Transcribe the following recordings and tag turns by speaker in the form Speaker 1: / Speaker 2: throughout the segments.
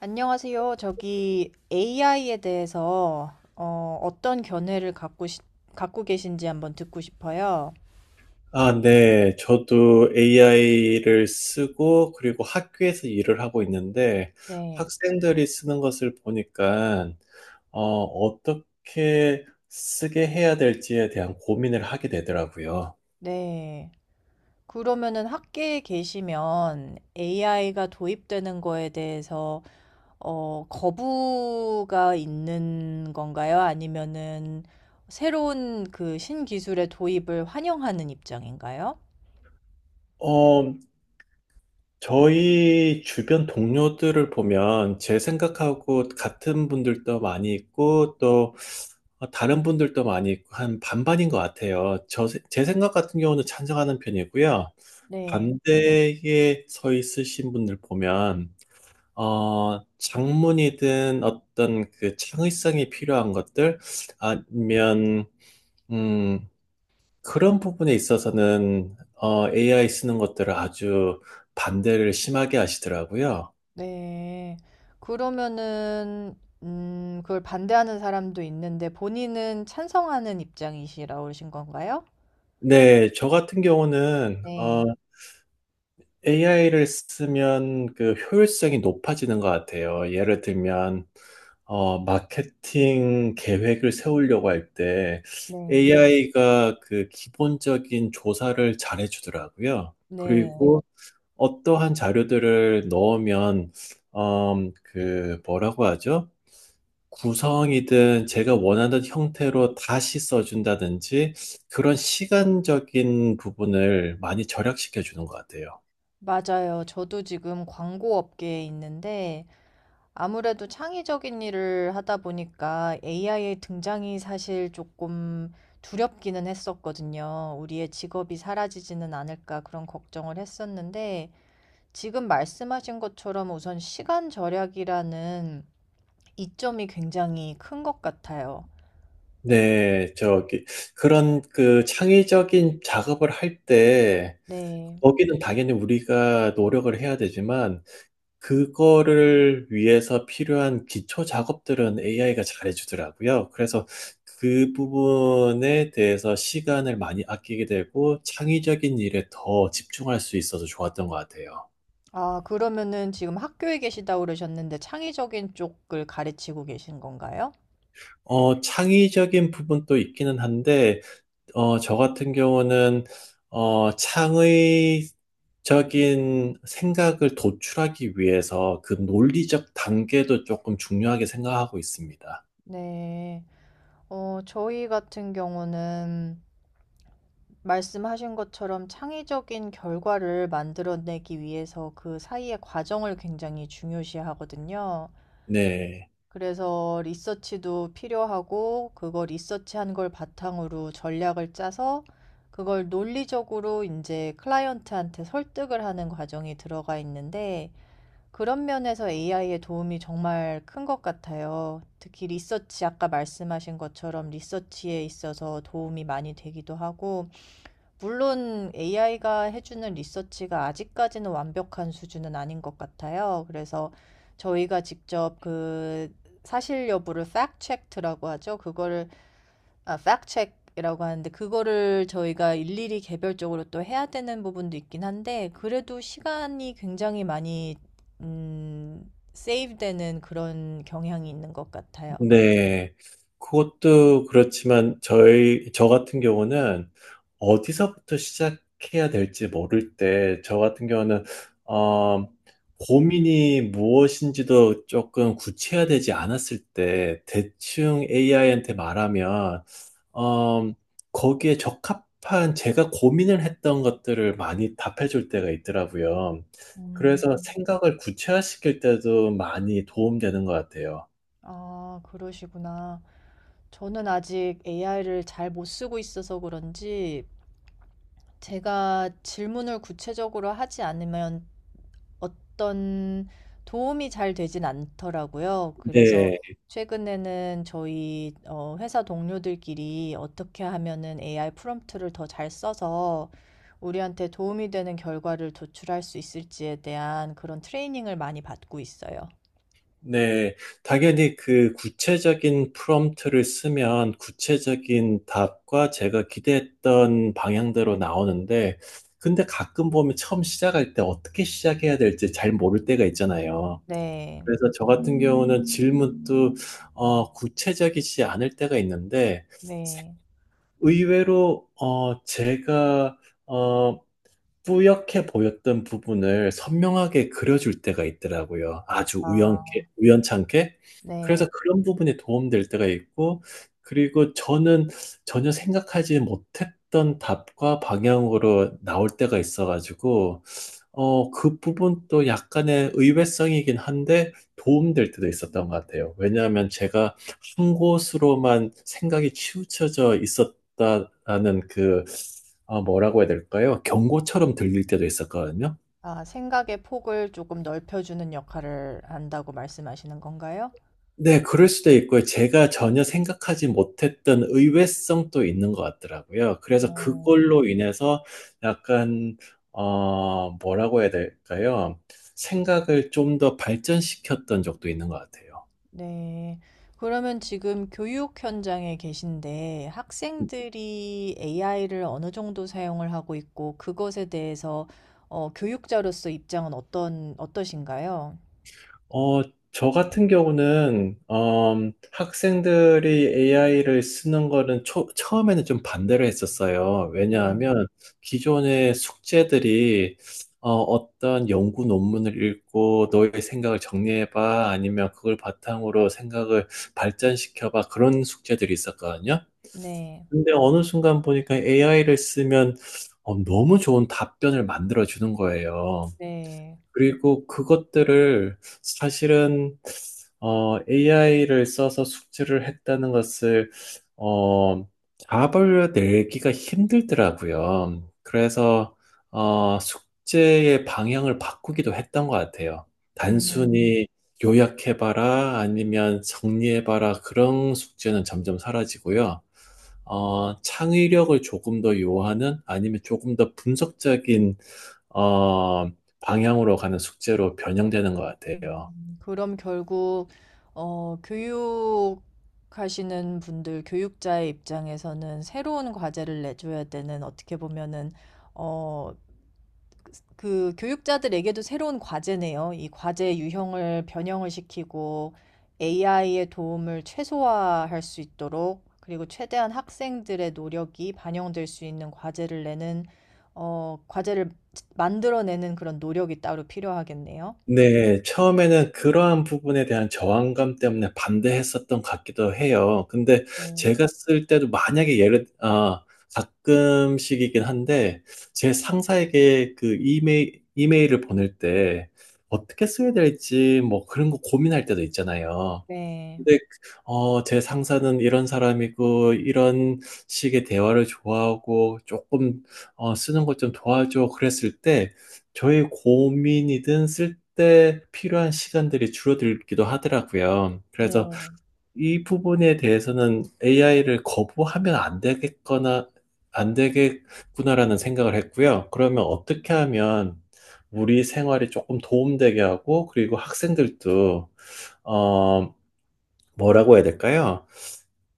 Speaker 1: 안녕하세요. 저기 AI에 대해서 어떤 견해를 갖고, 갖고 계신지 한번 듣고 싶어요.
Speaker 2: 아, 네. 저도 AI를 쓰고, 그리고 학교에서 일을 하고 있는데,
Speaker 1: 네,
Speaker 2: 학생들이 쓰는 것을 보니까, 어떻게 쓰게 해야 될지에 대한 고민을 하게 되더라고요.
Speaker 1: 네. 그러면은 학계에 계시면 AI가 도입되는 거에 대해서 거부가 있는 건가요? 아니면은 새로운 그 신기술의 도입을 환영하는 입장인가요?
Speaker 2: 어, 저희 주변 동료들을 보면 제 생각하고 같은 분들도 많이 있고 또 다른 분들도 많이 있고 한 반반인 것 같아요. 제 생각 같은 경우는 찬성하는 편이고요.
Speaker 1: 네.
Speaker 2: 반대에 서 있으신 분들 보면 장문이든 어떤 그 창의성이 필요한 것들 아니면 음, 그런 부분에 있어서는 AI 쓰는 것들을 아주 반대를 심하게 하시더라고요.
Speaker 1: 네. 그러면은 그걸 반대하는 사람도 있는데 본인은 찬성하는 입장이시라 오신 건가요?
Speaker 2: 네, 저 같은 경우는
Speaker 1: 네.
Speaker 2: AI를 쓰면 그 효율성이 높아지는 것 같아요. 예를 들면 마케팅 계획을 세우려고 할 때
Speaker 1: 네.
Speaker 2: AI가 그 기본적인 조사를 잘해주더라고요.
Speaker 1: 네.
Speaker 2: 그리고 어떠한 자료들을 넣으면 그 뭐라고 하죠? 구성이든 제가 원하는 형태로 다시 써준다든지 그런 시간적인 부분을 많이 절약시켜 주는 것 같아요.
Speaker 1: 맞아요. 저도 지금 광고 업계에 있는데 아무래도 창의적인 일을 하다 보니까 AI의 등장이 사실 조금 두렵기는 했었거든요. 우리의 직업이 사라지지는 않을까 그런 걱정을 했었는데 지금 말씀하신 것처럼 우선 시간 절약이라는 이점이 굉장히 큰 것 같아요.
Speaker 2: 네, 저기 그런 그 창의적인 작업을 할 때
Speaker 1: 네.
Speaker 2: 거기는 당연히 우리가 노력을 해야 되지만 그거를 위해서 필요한 기초 작업들은 AI가 잘해주더라고요. 그래서 그 부분에 대해서 시간을 많이 아끼게 되고 창의적인 일에 더 집중할 수 있어서 좋았던 것 같아요.
Speaker 1: 아, 그러면은 지금 학교에 계시다고 그러셨는데 창의적인 쪽을 가르치고 계신 건가요?
Speaker 2: 창의적인 부분도 있기는 한데, 저 같은 경우는, 창의적인 생각을 도출하기 위해서 그 논리적 단계도 조금 중요하게 생각하고 있습니다.
Speaker 1: 네. 저희 같은 경우는 말씀하신 것처럼 창의적인 결과를 만들어내기 위해서 그 사이의 과정을 굉장히 중요시하거든요.
Speaker 2: 네.
Speaker 1: 그래서 리서치도 필요하고 그거 리서치한 걸 바탕으로 전략을 짜서 그걸 논리적으로 이제 클라이언트한테 설득을 하는 과정이 들어가 있는데 그런 면에서 AI의 도움이 정말 큰 것 같아요. 특히 리서치, 아까 말씀하신 것처럼 리서치에 있어서 도움이 많이 되기도 하고 물론 AI가 해주는 리서치가 아직까지는 완벽한 수준은 아닌 것 같아요. 그래서 저희가 직접 그 사실 여부를 Fact check 라고 하죠. 그거를 아, e c k 이라고 하는데 그거를 저희가 일일이 개별적으로 또 해야 되는 부분도 있긴 한데 그래도 시간이 굉장히 많이 음, 세이브되는 그런 경향이 있는 것 같아요.
Speaker 2: 네, 그것도 그렇지만 저희 저 같은 경우는 어디서부터 시작해야 될지 모를 때 저 같은 경우는 어, 고민이 무엇인지도 조금 구체화되지 않았을 때 대충 AI한테 말하면 어, 거기에 적합한 제가 고민을 했던 것들을 많이 답해줄 때가 있더라고요.
Speaker 1: 음,
Speaker 2: 그래서 생각을 구체화시킬 때도 많이 도움되는 것 같아요.
Speaker 1: 아, 그러시구나. 저는 아직 AI를 잘 못 쓰고 있어서 그런지 제가 질문을 구체적으로 하지 않으면 어떤 도움이 잘 되진 않더라고요. 그래서
Speaker 2: 네.
Speaker 1: 최근에는 저희 회사 동료들끼리 어떻게 하면은 AI 프롬프트를 더 잘 써서 우리한테 도움이 되는 결과를 도출할 수 있을지에 대한 그런 트레이닝을 많이 받고 있어요.
Speaker 2: 네, 당연히 그 구체적인 프롬프트를 쓰면 구체적인 답과 제가 기대했던 방향대로 나오는데, 근데 가끔 보면 처음 시작할 때 어떻게 시작해야 될지 잘 모를 때가 있잖아요.
Speaker 1: 네,
Speaker 2: 그래서 저 같은 경우는 질문도 구체적이지 않을 때가 있는데,
Speaker 1: 네,
Speaker 2: 의외로 제가 어, 뿌옇게 보였던 부분을 선명하게 그려줄 때가 있더라고요. 아주
Speaker 1: 아,
Speaker 2: 우연찮게. 그래서
Speaker 1: 네.
Speaker 2: 그런 부분이 도움될 때가 있고, 그리고 저는 전혀 생각하지 못했던 답과 방향으로 나올 때가 있어가지고, 그 부분도 약간의 의외성이긴 한데 도움될 때도 있었던 것 같아요. 왜냐하면 제가 한 곳으로만 생각이 치우쳐져 있었다라는 그, 아, 뭐라고 해야 될까요? 경고처럼 들릴 때도 있었거든요.
Speaker 1: 아 생각의 폭을 조금 넓혀주는 역할을 한다고 말씀하시는 건가요?
Speaker 2: 네, 그럴 수도 있고요. 제가 전혀 생각하지 못했던 의외성도 있는 것 같더라고요. 그래서
Speaker 1: 어.
Speaker 2: 그걸로 인해서 약간, 뭐라고 해야 될까요? 생각을 좀 더 발전시켰던 적도 있는 것 같아요.
Speaker 1: 네. 그러면 지금 교육 현장에 계신데 학생들이 AI를 어느 정도 사용을 하고 있고 그것에 대해서 교육자로서 입장은 어떤 어떠신가요?
Speaker 2: 어, 저 같은 경우는 학생들이 AI를 쓰는 거는 처음에는 좀 반대를 했었어요.
Speaker 1: 네.
Speaker 2: 왜냐하면 기존의 숙제들이 어떤 연구 논문을 읽고 너의 생각을 정리해봐 아니면 그걸 바탕으로 생각을 발전시켜봐 그런 숙제들이 있었거든요.
Speaker 1: 네.
Speaker 2: 근데 어느 순간 보니까 AI를 쓰면 너무 좋은 답변을 만들어주는 거예요.
Speaker 1: 네.
Speaker 2: 그리고 그것들을 사실은 AI를 써서 숙제를 했다는 것을 어, 잡아내기가 힘들더라고요. 그래서 숙제의 방향을 바꾸기도 했던 것 같아요.
Speaker 1: 음.
Speaker 2: 단순히 요약해봐라 아니면 정리해봐라 그런 숙제는 점점 사라지고요. 창의력을 조금 더 요하는 아니면 조금 더 분석적인 어, 방향으로 가는 숙제로 변형되는 것 같아요.
Speaker 1: 그럼 결국 교육하시는 분들, 교육자의 입장에서는 새로운 과제를 내줘야 되는 어떻게 보면은 어, 그 교육자들에게도 새로운 과제네요. 이 과제 유형을 변형을 시키고 AI의 도움을 최소화할 수 있도록 그리고 최대한 학생들의 노력이 반영될 수 있는 과제를 내는 과제를 만들어내는 그런 노력이 따로 필요하겠네요.
Speaker 2: 네, 처음에는 그러한 부분에 대한 저항감 때문에 반대했었던 것 같기도 해요. 근데
Speaker 1: 음,
Speaker 2: 제가 쓸 때도 만약에 아, 가끔씩이긴 한데, 제 상사에게 그 이메일을 보낼 때 어떻게 써야 될지 뭐 그런 거 고민할 때도 있잖아요.
Speaker 1: 네.
Speaker 2: 근데 제 상사는 이런 사람이고 이런 식의 대화를 좋아하고 조금 쓰는 것 좀 도와줘 그랬을 때 저의 고민이든 쓸 때 필요한 시간들이 줄어들기도 하더라고요. 그래서
Speaker 1: 네.
Speaker 2: 이 부분에 대해서는 AI를 거부하면 안 되겠구나라는 생각을 했고요. 그러면 어떻게 하면 우리 생활이 조금 도움되게 하고 그리고 학생들도 어, 뭐라고 해야 될까요?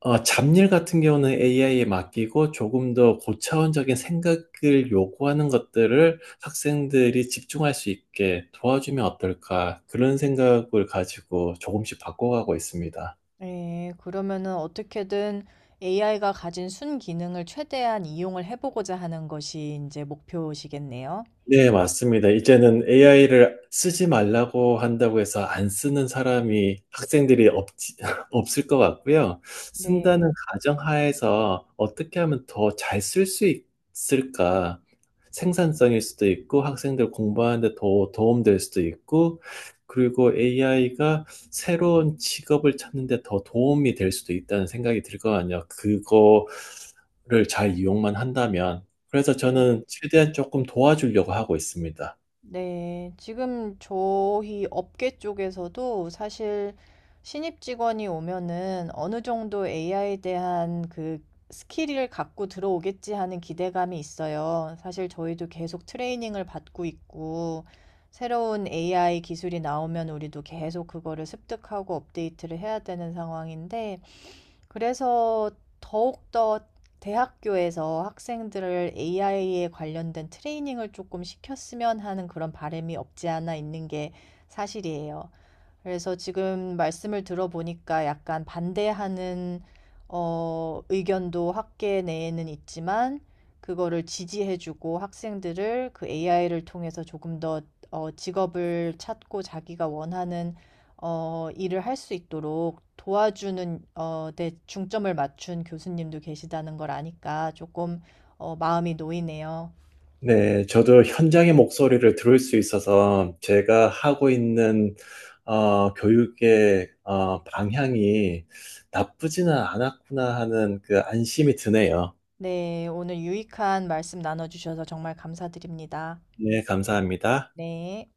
Speaker 2: 잡일 같은 경우는 AI에 맡기고 조금 더 고차원적인 생각을 요구하는 것들을 학생들이 집중할 수 있게 도와주면 어떨까? 그런 생각을 가지고 조금씩 바꿔가고 있습니다.
Speaker 1: 네, 그러면은 어떻게든 AI가 가진 순기능을 최대한 이용을 해 보고자 하는 것이 이제 목표시겠네요.
Speaker 2: 네, 맞습니다. 이제는 AI를 쓰지 말라고 한다고 해서 안 쓰는 사람이 학생들이 없, 없을 것 같고요.
Speaker 1: 네.
Speaker 2: 쓴다는 가정하에서 어떻게 하면 더 잘 쓸 수 있을까? 생산성일 수도 있고 학생들 공부하는데 더 도움될 수도 있고 그리고 AI가 새로운 직업을 찾는데 더 도움이 될 수도 있다는 생각이 들 거 아니에요. 그거를 잘 이용만 한다면. 그래서 저는 최대한 조금 도와주려고 하고 있습니다.
Speaker 1: 네. 지금 저희 업계 쪽에서도 사실 신입 직원이 오면은 어느 정도 AI에 대한 그 스킬을 갖고 들어오겠지 하는 기대감이 있어요. 사실 저희도 계속 트레이닝을 받고 있고 새로운 AI 기술이 나오면 우리도 계속 그거를 습득하고 업데이트를 해야 되는 상황인데 그래서 더욱더 대학교에서 학생들을 AI에 관련된 트레이닝을 조금 시켰으면 하는 그런 바람이 없지 않아 있는 게 사실이에요. 그래서 지금 말씀을 들어보니까 약간 반대하는 의견도 학계 내에는 있지만 그거를 지지해주고 학생들을 그 AI를 통해서 조금 더 직업을 찾고 자기가 원하는 일을 할 수 있도록 도와주는 데 중점을 맞춘 교수님도 계시다는 걸 아니까 조금 마음이 놓이네요.
Speaker 2: 네, 저도 현장의 목소리를 들을 수 있어서 제가 하고 있는 교육의 방향이 나쁘지는 않았구나 하는 그 안심이 드네요.
Speaker 1: 네, 오늘 유익한 말씀 나눠주셔서 정말 감사드립니다.
Speaker 2: 네, 감사합니다.
Speaker 1: 네.